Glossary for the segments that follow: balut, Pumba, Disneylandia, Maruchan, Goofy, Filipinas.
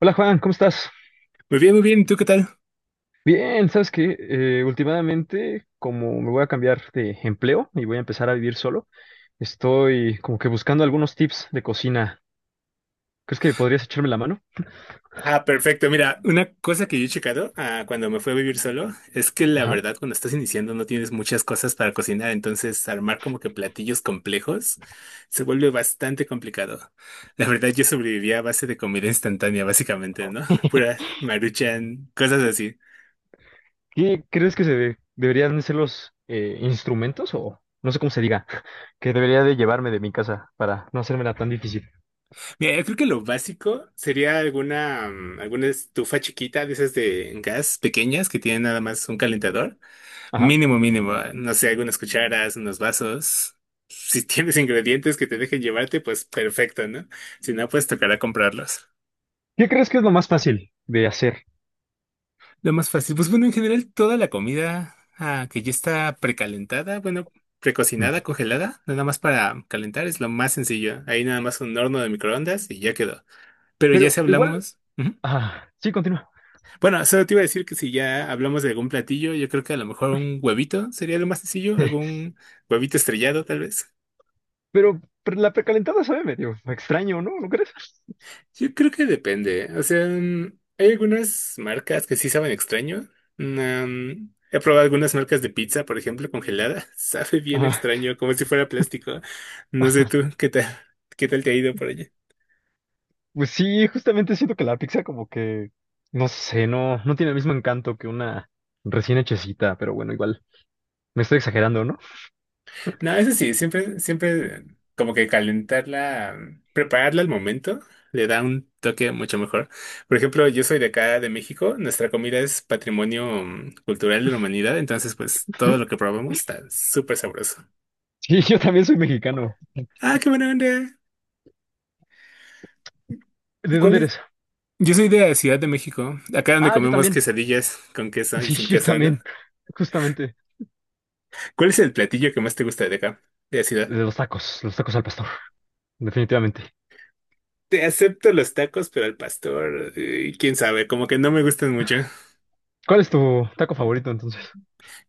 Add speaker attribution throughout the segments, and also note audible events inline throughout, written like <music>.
Speaker 1: Hola Juan, ¿cómo estás?
Speaker 2: Muy bien, muy bien. ¿Y tú qué tal?
Speaker 1: Bien, sabes que últimamente, como me voy a cambiar de empleo y voy a empezar a vivir solo, estoy como que buscando algunos tips de cocina. ¿Crees que podrías echarme la mano?
Speaker 2: Ah, perfecto. Mira, una cosa que yo he checado cuando me fui a vivir solo es que la
Speaker 1: Ajá.
Speaker 2: verdad cuando estás iniciando no tienes muchas cosas para cocinar, entonces armar como que platillos complejos se vuelve bastante complicado. La verdad yo sobrevivía a base de comida instantánea, básicamente, ¿no? Pura
Speaker 1: <laughs>
Speaker 2: Maruchan, cosas así.
Speaker 1: ¿Qué crees que deberían ser los instrumentos o no sé cómo se diga, <laughs> que debería de llevarme de mi casa para no hacérmela tan difícil?
Speaker 2: Mira, yo creo que lo básico sería alguna estufa chiquita de esas de gas pequeñas que tienen nada más un calentador.
Speaker 1: Ajá.
Speaker 2: Mínimo, mínimo. No sé, algunas cucharas, unos vasos. Si tienes ingredientes que te dejen llevarte, pues perfecto, ¿no? Si no, pues tocará comprarlos.
Speaker 1: ¿Qué crees que es lo más fácil de hacer?
Speaker 2: Lo más fácil, pues bueno, en general toda la comida que ya está precalentada, bueno,
Speaker 1: Mm.
Speaker 2: precocinada, congelada, nada más para calentar es lo más sencillo. Ahí nada más un horno de microondas y ya quedó. Pero ya si
Speaker 1: Pero igual,
Speaker 2: hablamos... Ujú.
Speaker 1: ah, sí, continúa.
Speaker 2: Bueno, solo te iba a decir que si ya hablamos de algún platillo, yo creo que a lo mejor un huevito sería lo más sencillo,
Speaker 1: <laughs>
Speaker 2: algún huevito estrellado tal vez.
Speaker 1: Pero la precalentada sabe medio extraño, ¿no? ¿No crees?
Speaker 2: Yo creo que depende. ¿Eh? O sea, hay algunas marcas que sí saben extraño. Mm, he probado algunas marcas de pizza, por ejemplo, congelada. <laughs> Sabe bien
Speaker 1: <laughs>
Speaker 2: extraño, como si fuera plástico. No sé tú, ¿qué tal? ¿Qué tal te ha ido por allá?
Speaker 1: Pues sí, justamente siento que la pizza como que, no sé, no tiene el mismo encanto que una recién hechecita, pero bueno, igual, me estoy exagerando, ¿no?
Speaker 2: No, eso sí, siempre, siempre como que prepararla al momento, le da un toque mucho mejor. Por ejemplo, yo soy de acá, de México. Nuestra comida es patrimonio cultural de la humanidad. Entonces, pues todo
Speaker 1: ¿Mm?
Speaker 2: lo que probamos está súper sabroso.
Speaker 1: Sí, <laughs> yo también soy mexicano.
Speaker 2: Ah, qué buena onda. ¿Y
Speaker 1: ¿De
Speaker 2: cuál
Speaker 1: dónde
Speaker 2: es?
Speaker 1: eres?
Speaker 2: Yo soy de la Ciudad de México, acá donde
Speaker 1: Ah, yo
Speaker 2: comemos
Speaker 1: también. <laughs>
Speaker 2: quesadillas con queso y
Speaker 1: Sí,
Speaker 2: sin
Speaker 1: yo
Speaker 2: queso, ¿no?
Speaker 1: también. Justamente.
Speaker 2: ¿Cuál es el platillo que más te gusta de acá, de la ciudad?
Speaker 1: De los tacos al pastor, definitivamente.
Speaker 2: Te acepto los tacos, pero al pastor, quién sabe, como que no me gustan mucho.
Speaker 1: ¿Cuál es tu taco favorito entonces?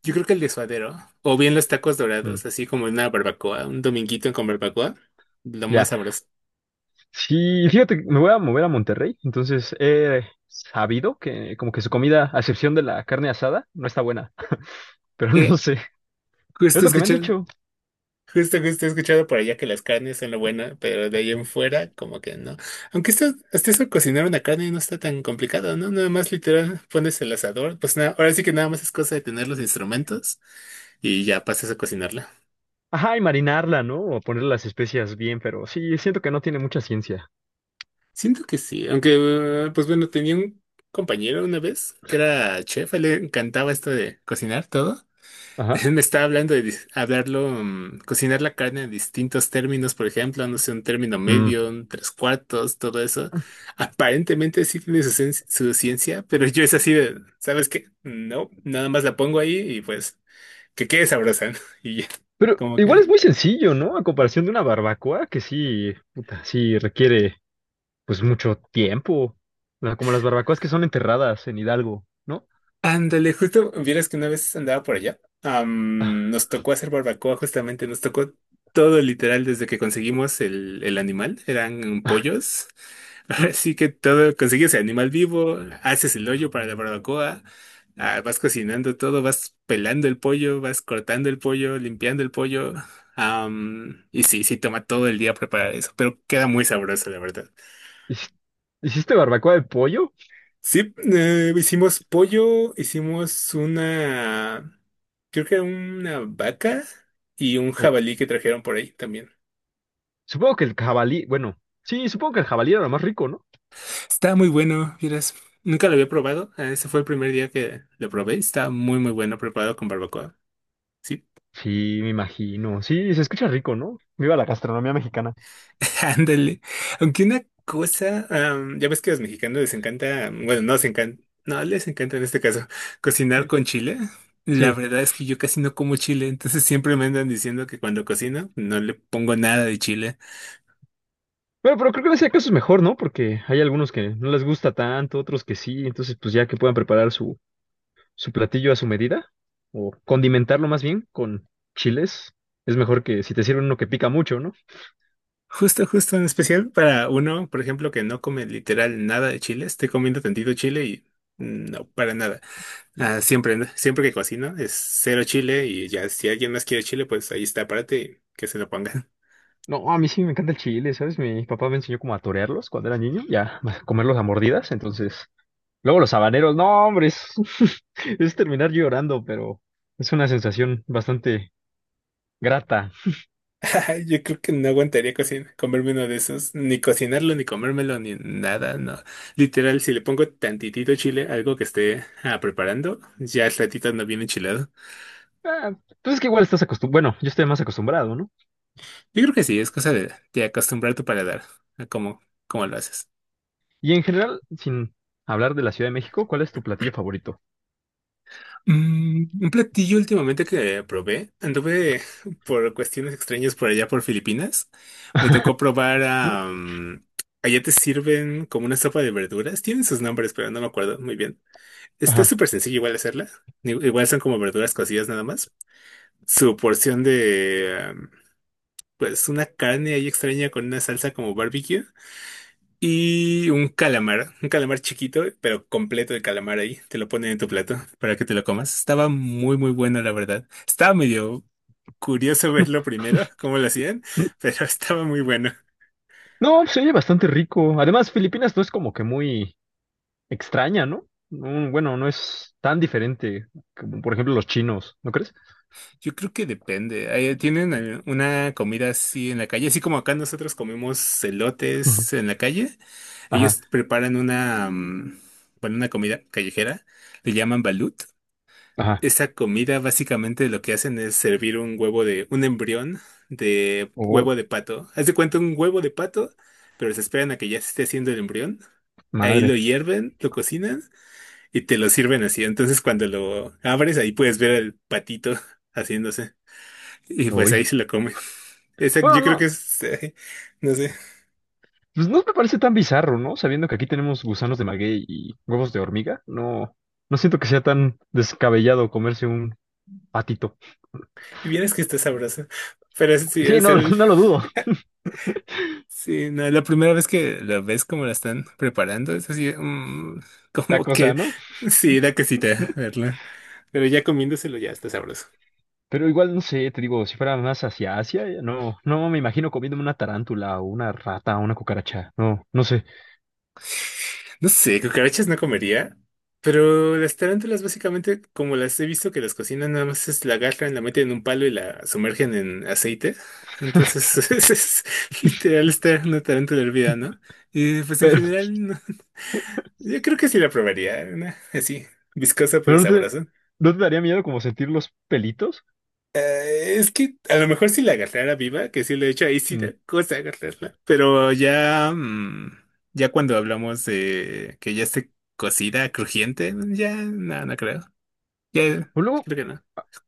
Speaker 2: Yo creo que el de suadero, o bien los tacos
Speaker 1: Mm,
Speaker 2: dorados, así como una barbacoa, un dominguito con barbacoa, lo más
Speaker 1: ya.
Speaker 2: sabroso.
Speaker 1: Sí, fíjate, me voy a mover a Monterrey, entonces he sabido que como que su comida, a excepción de la carne asada, no está buena, <laughs> pero no
Speaker 2: ¿Qué?
Speaker 1: sé. Es
Speaker 2: Justo
Speaker 1: lo que me han
Speaker 2: escuchar.
Speaker 1: dicho.
Speaker 2: Justo, justo he escuchado por allá que las carnes son lo bueno, pero de ahí en fuera, como que no. Aunque esto, hasta eso cocinar una carne no está tan complicado, ¿no? Nada más literal pones el asador, pues nada, ahora sí que nada más es cosa de tener los instrumentos y ya pasas a cocinarla.
Speaker 1: Ajá, y marinarla, ¿no? O ponerle las especias bien, pero sí, siento que no tiene mucha ciencia.
Speaker 2: Siento que sí, aunque, pues bueno, tenía un compañero una vez que era chef, a él le encantaba esto de cocinar todo.
Speaker 1: Ajá.
Speaker 2: <laughs> Me estaba hablando de cocinar la carne en distintos términos, por ejemplo, no sé, un término
Speaker 1: Mm.
Speaker 2: medio, un tres cuartos, todo eso. Aparentemente sí tiene su, su ciencia, pero yo es así de, ¿sabes qué? No, nada más la pongo ahí y pues que quede sabrosa, ¿no? <laughs> Y ya,
Speaker 1: Pero
Speaker 2: como
Speaker 1: igual
Speaker 2: que...
Speaker 1: es muy sencillo, ¿no? A comparación de una barbacoa, que sí, puta, sí requiere, pues, mucho tiempo. O sea, como las barbacoas que son enterradas en Hidalgo, ¿no?
Speaker 2: Ándale, justo, vieras que una vez andaba por allá,
Speaker 1: Ah,
Speaker 2: nos tocó hacer barbacoa, justamente nos tocó todo literal desde que conseguimos el animal, eran
Speaker 1: ah,
Speaker 2: pollos. <laughs>
Speaker 1: mm.
Speaker 2: Así que todo, consigues el animal vivo, haces el hoyo para la barbacoa, vas cocinando todo, vas pelando el pollo, vas cortando el pollo, limpiando el pollo. Y sí, sí toma todo el día preparar eso, pero queda muy sabroso, la verdad.
Speaker 1: ¿Hici- ¿Hiciste barbacoa de pollo?
Speaker 2: Sí, hicimos pollo, hicimos una, creo que era una vaca y un
Speaker 1: O,
Speaker 2: jabalí que trajeron por ahí también.
Speaker 1: supongo que el jabalí, bueno, sí, supongo que el jabalí era lo más rico, ¿no?
Speaker 2: Está muy bueno, vieras. Nunca lo había probado. Ese fue el primer día que lo probé. Está muy, muy bueno preparado con barbacoa. Sí,
Speaker 1: Sí, me imagino. Sí, se escucha rico, ¿no? Viva la gastronomía mexicana.
Speaker 2: <laughs> ándale. Aunque una cosa, ya ves que a los mexicanos les encanta, mm, bueno, no les encanta, no les encanta en este caso, cocinar
Speaker 1: Eh,
Speaker 2: con chile. La
Speaker 1: Sí.
Speaker 2: verdad es que yo casi no como chile, entonces siempre me andan diciendo que cuando cocino no le pongo nada de chile.
Speaker 1: Bueno, pero creo que en ese caso es mejor, ¿no? Porque hay algunos que no les gusta tanto, otros que sí, entonces pues ya que puedan preparar su, su platillo a su medida, o condimentarlo más bien con chiles, es mejor que si te sirven uno que pica mucho, ¿no?
Speaker 2: Justo, justo, en especial para uno, por ejemplo, que no come literal nada de chile, estoy comiendo tantito chile y no, para nada. Ah, siempre, ¿no? Siempre que cocino es cero chile y ya si alguien más quiere chile, pues ahí está, párate y que se lo pongan.
Speaker 1: No, a mí sí me encanta el chile, ¿sabes? Mi papá me enseñó como a torearlos cuando era niño, ya, a comerlos a mordidas, entonces... Luego los habaneros, no, hombre, es, <laughs> es terminar llorando, pero es una sensación bastante grata.
Speaker 2: <laughs> Yo creo que no aguantaría cocina, comerme uno de esos, ni cocinarlo, ni comérmelo, ni nada, no. Literal, si le pongo tantitito chile, algo que esté preparando, ya el ratito no viene enchilado.
Speaker 1: Ah, pues es que igual estás acostumbrado, bueno, yo estoy más acostumbrado, ¿no?
Speaker 2: Yo creo que sí, es cosa de acostumbrar tu paladar a cómo, cómo lo haces.
Speaker 1: Y en general, sin hablar de la Ciudad de México, ¿cuál es tu platillo favorito?
Speaker 2: Mm, un platillo últimamente que probé, anduve por cuestiones extrañas por allá por Filipinas, me tocó
Speaker 1: <laughs>
Speaker 2: probar allá te sirven como una sopa de verduras. Tienen sus nombres, pero no me acuerdo muy bien. Está
Speaker 1: Ajá.
Speaker 2: súper sencillo igual hacerla. Igual son como verduras cocidas nada más. Su porción de pues, una carne ahí extraña con una salsa como barbecue. Y un calamar chiquito, pero completo de calamar ahí. Te lo ponen en tu plato para que te lo comas. Estaba muy, muy bueno, la verdad. Estaba medio curioso verlo primero, cómo lo hacían, pero <laughs> estaba muy bueno.
Speaker 1: No, se oye bastante rico. Además, Filipinas no es como que muy extraña, ¿no? No, bueno, no es tan diferente como, por ejemplo, los chinos, ¿no crees?
Speaker 2: Yo creo que depende. Ahí tienen una comida así en la calle, así como acá nosotros comemos
Speaker 1: Ujú.
Speaker 2: elotes en la calle.
Speaker 1: Ajá,
Speaker 2: Ellos preparan una, bueno, una comida callejera, le llaman balut.
Speaker 1: ajá.
Speaker 2: Esa comida básicamente lo que hacen es servir un huevo de, un embrión de
Speaker 1: Oh,
Speaker 2: huevo de pato. Haz de cuenta un huevo de pato, pero se esperan a que ya se esté haciendo el embrión. Ahí lo
Speaker 1: madre.
Speaker 2: hierven, lo cocinan y te lo sirven así. Entonces cuando lo abres, ahí puedes ver el patito <laughs> haciéndose. Y pues
Speaker 1: Uy.
Speaker 2: ahí se lo comen. Esa, yo
Speaker 1: Bueno,
Speaker 2: creo
Speaker 1: no,
Speaker 2: que es, no sé,
Speaker 1: pues no me parece tan bizarro, ¿no? Sabiendo que aquí tenemos gusanos de maguey y huevos de hormiga, no siento que sea tan descabellado comerse un patito.
Speaker 2: vieras que está sabroso. Pero sí,
Speaker 1: Sí,
Speaker 2: es
Speaker 1: no, <laughs>
Speaker 2: el,
Speaker 1: no lo dudo.
Speaker 2: sí, no, la primera vez que lo ves como la están preparando, es así, <laughs>
Speaker 1: La
Speaker 2: como
Speaker 1: cosa,
Speaker 2: que,
Speaker 1: ¿no?
Speaker 2: sí, da cosita verla. Pero ya comiéndoselo ya está sabroso.
Speaker 1: Pero igual no sé, te digo, si fuera más hacia Asia, no, no me imagino comiéndome una tarántula o una rata o una cucaracha. No, no sé.
Speaker 2: No sé, cucarachas no comería, pero las tarántulas básicamente, como las he visto que las cocinan, nada más es la agarran, la meten en un palo y la sumergen en aceite. Entonces,
Speaker 1: <laughs>
Speaker 2: <laughs> es literal estar una tarántula hervida, ¿no? Y pues en
Speaker 1: Pero,
Speaker 2: general, no. Yo creo que sí la probaría, una así, viscosa pero
Speaker 1: pero no te,
Speaker 2: sabrosa.
Speaker 1: ¿no te daría miedo como sentir los pelitos?
Speaker 2: Es que a lo mejor si la agarrara viva, que sí lo he hecho, ahí sí
Speaker 1: Mm.
Speaker 2: da cosa agarrarla. Pero ya, ya cuando hablamos de que ya esté cocida, crujiente, ya no, no creo. Ya,
Speaker 1: O luego,
Speaker 2: creo que no.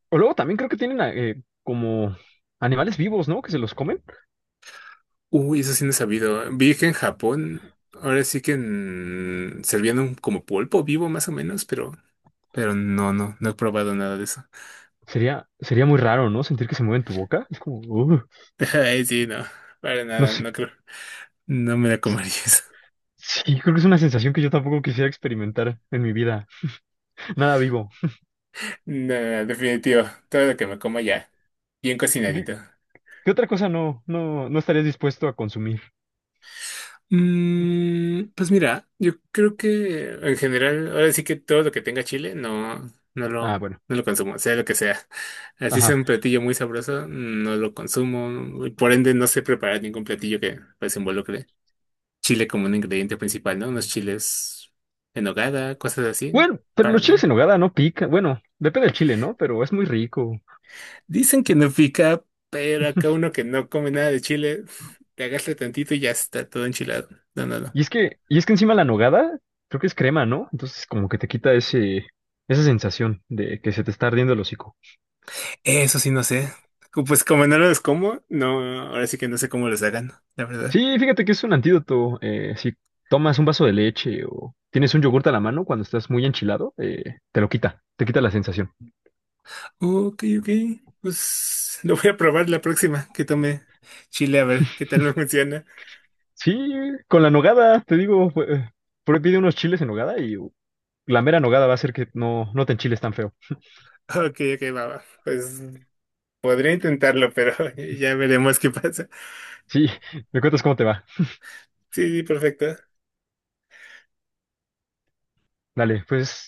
Speaker 1: o luego también creo que tienen como animales vivos, ¿no? Que se los comen.
Speaker 2: Uy, eso sí no he sabido. Vi que en Japón, ahora sí que servían como pulpo vivo más o menos, pero no, no, no he probado nada de eso.
Speaker 1: Sería muy raro, ¿no? Sentir que se mueven tu boca. Es como,
Speaker 2: <laughs> Ay, sí, no, para
Speaker 1: no
Speaker 2: nada,
Speaker 1: sé.
Speaker 2: no creo. No me la comería.
Speaker 1: Sí, creo que es una sensación que yo tampoco quisiera experimentar en mi vida. Nada vivo.
Speaker 2: No, definitivo. Todo lo que me como ya. Bien
Speaker 1: ¿Qué,
Speaker 2: cocinadito.
Speaker 1: ¿qué otra cosa no estarías dispuesto a consumir?
Speaker 2: Mm, pues mira, yo creo que en general, ahora sí que todo lo que tenga chile, no,
Speaker 1: Ah, bueno.
Speaker 2: no lo consumo, sea lo que sea. Así sea
Speaker 1: Ajá.
Speaker 2: un platillo muy sabroso, no lo consumo. Y por ende, no sé preparar ningún platillo que pues involucre chile como un ingrediente principal, ¿no? Unos chiles en nogada, cosas así,
Speaker 1: Bueno, pero
Speaker 2: para
Speaker 1: los chiles en
Speaker 2: nada.
Speaker 1: nogada no pican. Bueno, depende del chile, ¿no? Pero es muy rico.
Speaker 2: Dicen que no pica, pero acá uno que no come nada de chile, te agarra tantito y ya está todo enchilado. No, no, no.
Speaker 1: Y es que encima la nogada, creo que es crema, ¿no? Entonces como que te quita ese, esa sensación de que se te está ardiendo el hocico.
Speaker 2: Eso sí no sé. Pues como no los como, no, ahora sí que no sé cómo los hagan, la verdad.
Speaker 1: Sí, fíjate que es un antídoto. Si tomas un vaso de leche o tienes un yogurt a la mano cuando estás muy enchilado, te lo quita, te quita la sensación.
Speaker 2: Ok, ok. Pues lo voy a probar la próxima que tome chile a ver qué tal me funciona.
Speaker 1: Sí, con la nogada, te digo, ahí pide unos chiles en nogada y la mera nogada va a hacer que no te enchiles tan feo.
Speaker 2: Ok, ok, va, va. Pues podría intentarlo, pero <laughs> ya veremos qué pasa.
Speaker 1: Sí, <laughs> me cuentas cómo te va.
Speaker 2: Sí, sí, perfecto.
Speaker 1: Dale, pues